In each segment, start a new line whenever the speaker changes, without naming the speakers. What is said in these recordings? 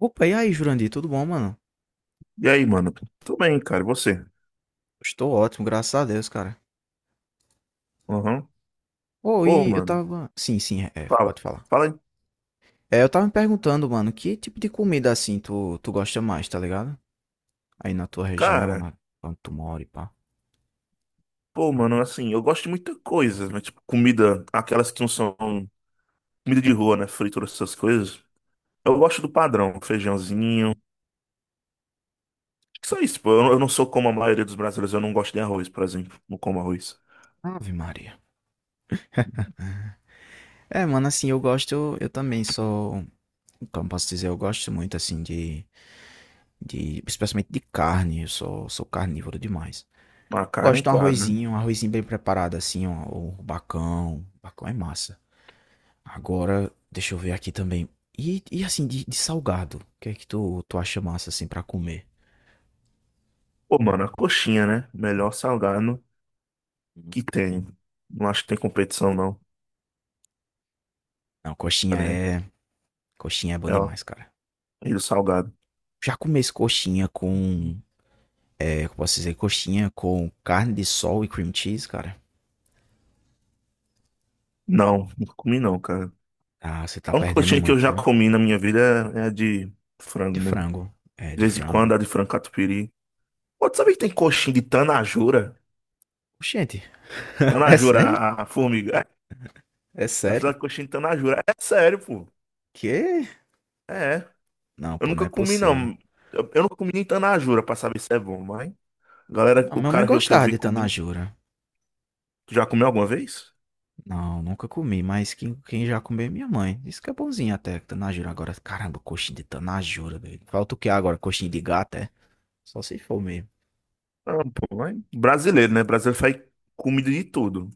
Opa, e aí, Jurandir, tudo bom, mano?
E aí, mano? Tudo bem, cara? E você?
Estou ótimo, graças a Deus, cara.
Aham.
Ô,
Pô,
e eu
mano,
tava. Sim, sim,
fala.
pode falar.
Fala, aí.
É, eu tava me perguntando, mano, que tipo de comida assim tu gosta mais, tá ligado? Aí na tua região,
Cara.
onde tu mora e pá.
Pô, mano, assim, eu gosto de muita coisa, mas, tipo, comida, aquelas que não são comida de rua, né? Fritura, essas coisas. Eu gosto do padrão, feijãozinho. Acho que só isso, pô. Eu não sou como a maioria dos brasileiros, eu não gosto de arroz, por exemplo. Não como arroz.
Ave Maria. É, mano, assim, eu também sou. Como posso dizer, eu gosto muito, assim, Especialmente de carne, eu sou carnívoro demais.
Uma carne,
Gosto de
claro, né?
um arrozinho bem preparado, assim, ó, ou um bacão. Bacão é massa. Agora, deixa eu ver aqui também. E assim, de salgado, o que é que tu acha massa assim pra comer?
Pô, mano, a coxinha, né? Melhor salgado que
Uhum.
tem. Não acho que tem competição, não.
Não,
Tá,
coxinha
né?
é. Coxinha é bom
É, ó,
demais, cara.
e o salgado.
Já comi esse coxinha com. É, como posso dizer? Coxinha com carne de sol e cream cheese, cara.
Não, não comi não, cara.
Ah, você tá
A única
perdendo
coxinha que eu
muito,
já
viu?
comi na minha vida é a de frango
De
mesmo.
frango. É,
De
de
vez em
frango.
quando, a de frango catupiry. Pô, tu sabia que tem coxinha de tanajura?
Gente, é
Tanajura,
sério?
a formiga. É,
É
já
sério?
fizeram coxinha de tanajura. É sério, pô.
Que?
É.
Não,
Eu
pô,
nunca
não é
comi,
possível.
não. Eu nunca comi nem tanajura pra saber se é bom, mas... Galera,
A
o
minha mãe
cara que eu
gostava
vi
de
comendo...
tanajura.
Tu já comeu alguma vez?
Não, nunca comi, mas quem já comeu é minha mãe. Isso que é bonzinho até, que tanajura. Agora, caramba, coxinha de tanajura, velho. Falta o que agora? Coxinha de gato, é? Só se for mesmo.
Não, pô, mas... Brasileiro, né? Brasileiro faz comida de tudo.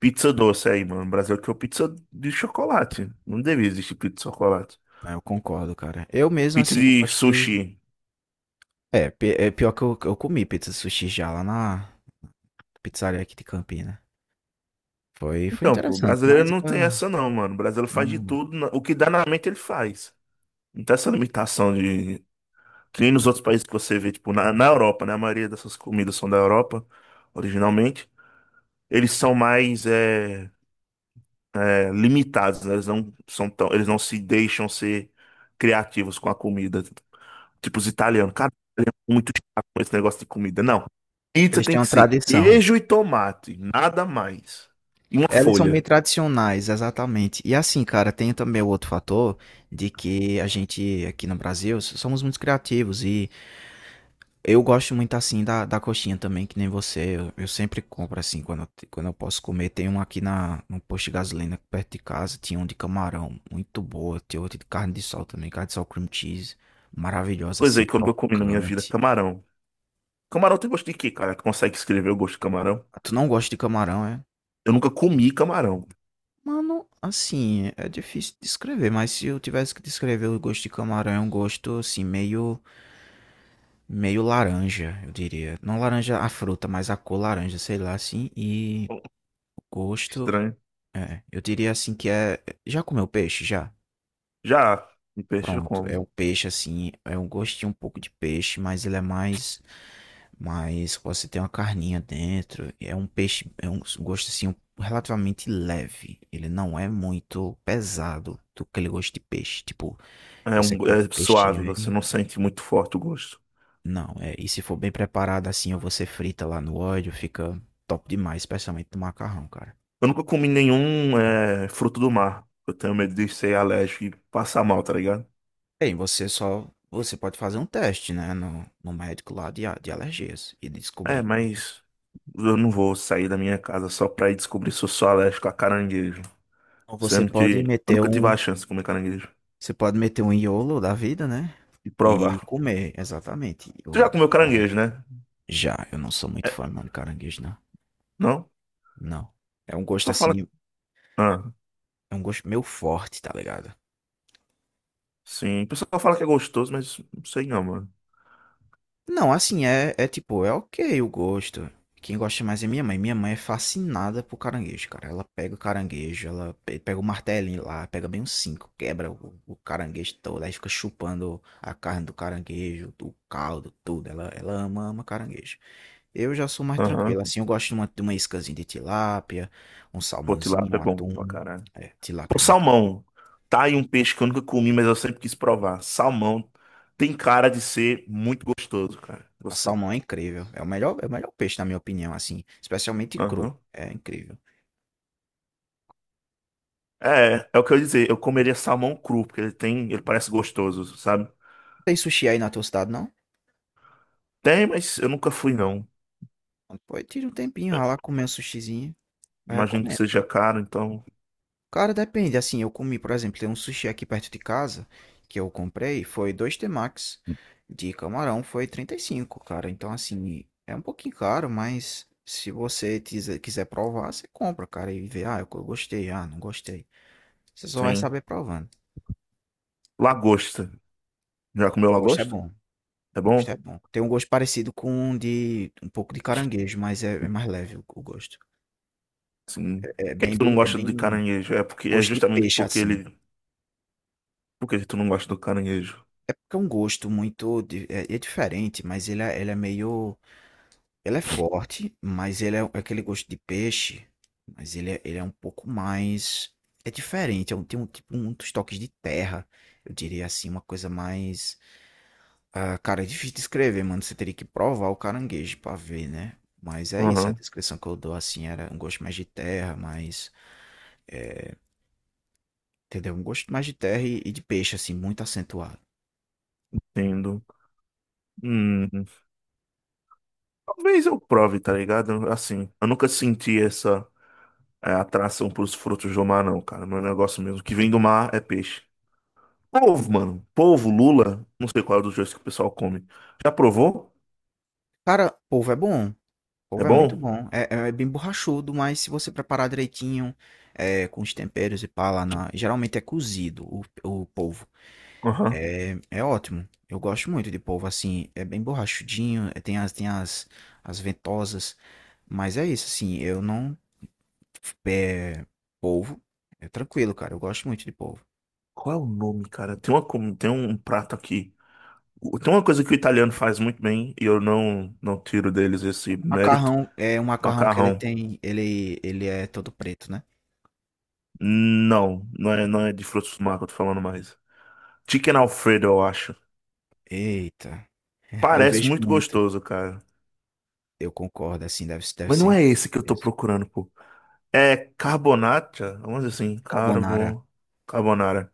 Pizza doce aí, mano. Brasileiro que é pizza de chocolate. Não devia existir pizza de chocolate.
É, eu concordo, cara. Eu mesmo,
Pizza
assim, eu
de
gosto de.
sushi.
É, é pior que eu comi pizza de sushi já lá na pizzaria aqui de Campina. Foi
Então, pô, o
interessante,
brasileiro
mas
não tem
ah,
essa não, mano. O brasileiro faz de
não.
tudo, na- o que dá na mente ele faz. Não tem essa limitação de... Que nem nos outros países que você vê, tipo, na, na Europa, né? A maioria dessas comidas são da Europa, originalmente. Eles são mais é, é, limitados, né? Eles não são tão... Eles não se deixam ser criativos com a comida. Tipo os italianos. Cara, é muito chato com esse negócio de comida. Não. Pizza
Eles
tem
têm uma
que ser
tradição.
queijo e tomate, nada mais. E uma
Elas são bem
folha.
tradicionais, exatamente. E assim, cara, tem também o outro fator de que a gente aqui no Brasil somos muito criativos e eu gosto muito assim da coxinha também, que nem você. Eu sempre compro assim quando eu posso comer. Tem um aqui no posto de gasolina perto de casa. Tinha um de camarão, muito boa. Tem outro de carne de sol também. Carne de sol cream cheese. Maravilhosa,
Coisa
assim,
aí que eu nunca comi na minha vida,
crocante.
camarão. Camarão tem gosto de quê, cara? Tu consegue escrever o gosto de camarão?
Ah, tu não gosta de camarão, é?
Eu nunca comi camarão.
Mano, assim, é difícil descrever, mas se eu tivesse que descrever o gosto de camarão, é um gosto assim, meio, meio laranja, eu diria. Não laranja a fruta, mas a cor laranja, sei lá, assim. E o gosto.
Estranho.
É, eu diria assim que é. Já comeu peixe? Já?
Já, de peixe eu
Pronto. É
como.
o peixe assim. É um gostinho um pouco de peixe, mas ele é mais. Mas você tem uma carninha dentro. É um peixe. É um gosto assim um, relativamente leve. Ele não é muito pesado do aquele gosto de peixe. Tipo,
É,
você
um,
come
é
o peixe
suave, você
bem.
não sente muito forte o gosto.
Não, é. E se for bem preparado assim, ou você frita lá no óleo, fica top demais, especialmente no macarrão, cara.
Eu nunca comi nenhum é, fruto do mar. Eu tenho medo de ser alérgico e passar mal, tá ligado?
Bem, você só você pode fazer um teste, né, no médico lá de alergias e
É,
descobrir.
mas eu não vou sair da minha casa só pra ir descobrir se eu sou alérgico a caranguejo.
Ou você
Sendo
pode
que eu
meter
nunca tive
um,
a chance de comer caranguejo
você pode meter um iolo da vida, né?
e provar.
E comer, exatamente,
Tu já
o
comeu
camarão.
caranguejo, né?
Já, eu não sou muito
É,
fã não, de caranguejo, não.
não?
Não. É um gosto
Só fala.
assim,
Ah.
é um gosto meio forte, tá ligado?
Sim, o pessoal fala que é gostoso, mas não sei não, mano.
Não, assim, é tipo, é ok o gosto. Quem gosta mais é minha mãe. Minha mãe é fascinada por caranguejo, cara. Ela pega o caranguejo, ela pega o martelinho lá, pega bem uns cinco, quebra o caranguejo todo, aí fica chupando a carne do caranguejo, o caldo, tudo. Ela ama, ama caranguejo. Eu já sou mais
Aham.
tranquilo, assim, eu gosto de uma iscazinha de tilápia, um
Pô,
salmãozinho,
tilápia é
um
bom pra
atum.
caralho.
É, tilápia
Pô,
é muito.
salmão. Tá aí um peixe que eu nunca comi, mas eu sempre quis provar. Salmão tem cara de ser muito gostoso, cara.
A
Você.
salmão é incrível. É o melhor peixe, na minha opinião, assim, especialmente cru.
Aham.
É incrível.
É, é o que eu ia dizer. Eu comeria salmão cru, porque ele tem, ele parece gostoso, sabe?
Tem sushi aí na tua cidade, não?
Tem, mas eu nunca fui, não.
Pô, tira um tempinho, vai lá comer um sushizinho. Eu
Imagino que
recomendo,
seja
cara.
caro, então.
Cara, depende. Assim, eu comi, por exemplo, tem um sushi aqui perto de casa que eu comprei. Foi dois temakis de camarão, foi 35, cara. Então, assim, é um pouquinho caro, mas se você quiser provar, você compra, cara, e vê. Ah, eu gostei, ah, não gostei. Você só vai
Sim.
saber provando.
Lagosta. Já comeu
O gosto é
lagosta?
bom.
É
O
bom?
gosto é bom. Tem um gosto parecido com um de um pouco de caranguejo, mas é mais leve o gosto.
Sim.
É
Por que
bem,
que tu não
bem, é
gosta de
bem
caranguejo? É porque é
gosto de
justamente
peixe,
porque
assim.
ele. Por que tu não gosta do caranguejo?
É porque é um gosto muito di é é diferente, mas ele é forte, mas ele é um, é aquele gosto de peixe, mas ele é um pouco mais é diferente, é um tem um tipo muitos toques de terra, eu diria assim, uma coisa mais ah, cara, é difícil descrever, mano, você teria que provar o caranguejo pra ver, né. Mas é isso, a
Aham,
descrição que eu dou, assim, era um gosto mais de terra, eh, entendeu? Um gosto mais de terra e de peixe, assim, muito acentuado.
entendo. Hum, talvez eu prove, tá ligado? Assim, eu nunca senti essa é, atração pros frutos do mar, não, cara. Meu negócio mesmo, que vem do mar é peixe. Polvo, mano. Polvo, lula, não sei qual é dos dois que o pessoal come. Já provou?
Cara, polvo é bom.
É
Couve é muito
bom?
bom. É, é bem borrachudo, mas se você preparar direitinho, é, com os temperos e pá lá na. Geralmente é cozido o polvo.
Aham.
É, é ótimo. Eu gosto muito de polvo assim. É bem borrachudinho, é, as ventosas. Mas é isso, assim. Eu não. É, polvo. É tranquilo, cara. Eu gosto muito de polvo.
Qual é o nome, cara? Tem uma, com- tem um prato aqui. O- Tem uma coisa que o italiano faz muito bem, e eu não tiro deles esse mérito.
Macarrão é um macarrão que ele
Macarrão.
tem. Ele é todo preto, né?
Não, não é de frutos do mar que eu tô falando mais. Chicken Alfredo, eu acho.
Eita. Eu
Parece
vejo
muito
muito.
gostoso, cara.
Eu concordo, assim. Deve
Mas
ser
não é
incrível
esse que eu tô
mesmo.
procurando, pô. É carbonata? Vamos dizer assim,
Carbonara,
carbo... carbonara.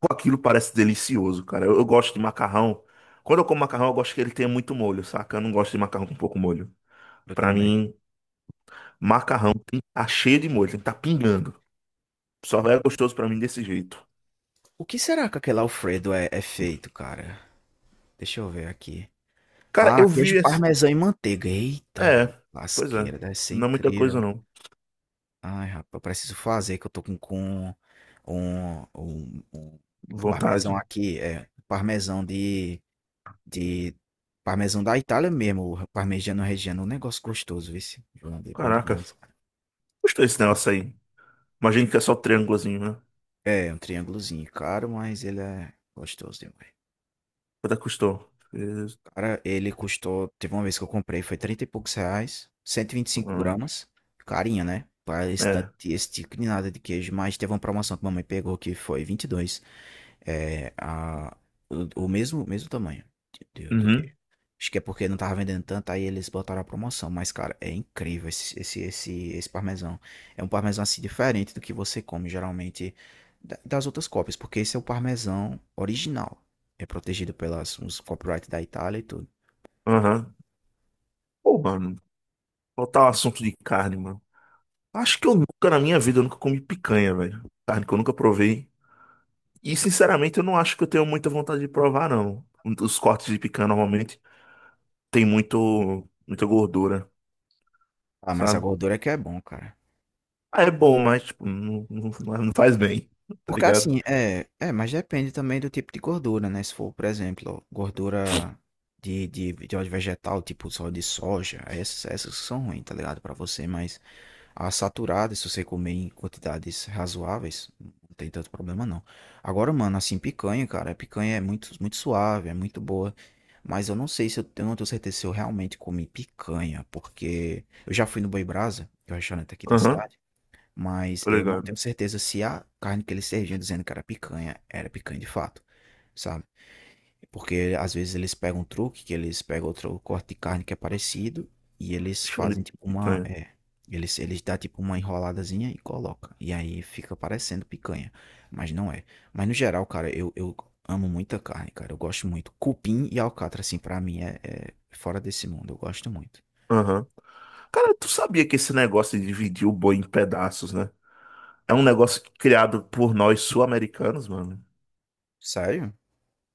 Pô, aquilo parece delicioso, cara. Eu gosto de macarrão. Quando eu como macarrão, eu gosto que ele tenha muito molho, saca? Eu não gosto de macarrão com pouco molho.
eu
Pra
também.
mim, macarrão tem que tá cheio de molho, tem que tá pingando. Só era gostoso pra mim desse jeito.
O que será que aquele Alfredo é feito, cara? Deixa eu ver aqui.
Cara,
Ah,
eu vi
queijo
esse.
parmesão e manteiga. Eita,
É, pois é.
lasqueira, deve ser
Não é muita coisa,
incrível.
não.
Ai, rapaz, eu preciso fazer, que eu tô com um parmesão
Vontade.
aqui, é, de, parmesão da Itália mesmo, o parmegiano reggiano, um negócio gostoso, viu? Esse? É bom
Caraca,
demais, cara.
custou esse negócio aí. Imagino que é só triângulozinho, né?
É, um triângulozinho caro, mas ele é gostoso demais.
Quanto é que custou? Fez-
Cara, ele custou. Teve uma vez que eu comprei, foi 30 e poucos reais, Cento e e vinte e cinco
hum.
gramas. Carinha, né? Para esse,
É.
esse tipo de nada de queijo. Mas teve uma promoção que mamãe pegou que foi 22. É, o mesmo, mesmo tamanho do
Uhum.
queijo. Acho que é porque não tava vendendo tanto, aí eles botaram a promoção. Mas, cara, é incrível esse parmesão. É um parmesão assim diferente do que você come geralmente das outras cópias, porque esse é o parmesão original. É protegido pelas uns copyright da Itália e tudo.
Aham. Pô, mano, voltar ao assunto de carne, mano. Acho que eu nunca na minha vida eu nunca comi picanha, velho. Carne que eu nunca provei. E sinceramente eu não acho que eu tenho muita vontade de provar, não. Os cortes de picanha normalmente tem muito, muita gordura,
Ah, mas a
sabe?
gordura é que é bom, cara.
Ah, é bom, mas tipo, não faz bem, tá
Porque
ligado?
assim, mas depende também do tipo de gordura, né? Se for, por exemplo, gordura de óleo vegetal, tipo só de soja, essas que são ruins, tá ligado? Pra você, mas a saturada, se você comer em quantidades razoáveis, não tem tanto problema não. Agora, mano, assim, picanha, cara, a picanha é muito, muito suave, é muito boa. Eu não tenho certeza se eu realmente comi picanha, porque eu já fui no Boi Brasa, que é o restaurante aqui da
Aham,
cidade. Mas
tô
eu não
ligado.
tenho certeza se a carne que eles serviam dizendo que era picanha de fato, sabe? Porque às vezes eles pegam um truque, que eles pegam outro corte de carne que é parecido e eles
Chão de
fazem tipo
picanha.
eles dá tipo uma enroladazinha e coloca. E aí fica parecendo picanha, mas não é. Mas no geral, cara, eu amo muita carne, cara. Eu gosto muito. Cupim e alcatra, assim, pra mim é, é fora desse mundo. Eu gosto muito.
Aham. Cara, tu sabia que esse negócio de dividir o boi em pedaços, né? É um negócio criado por nós sul-americanos, mano.
Sério?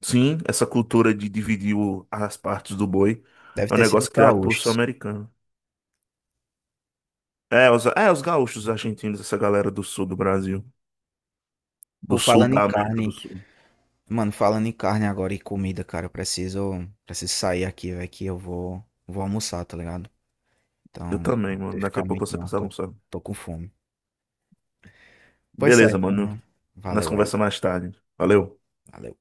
Sim, essa cultura de dividir o- as partes do boi
Deve
é um
ter sido os
negócio criado por
gaúchos.
sul-americano. É, os gaúchos, os argentinos, essa galera do sul do Brasil. Do
Por
sul
falando em
da América do
carne,
Sul.
Mano, falando em carne agora e comida, cara, eu preciso sair aqui, velho, que eu vou almoçar, tá ligado?
Eu
Então, não
também,
tem
mano.
que
Daqui
ficar
a
muito
pouco você
não,
passar
tô,
almoçar.
tô com fome. Pois
Beleza,
certo,
mano.
mano.
Nós
Valeu aí.
conversamos mais tarde. Valeu.
Valeu.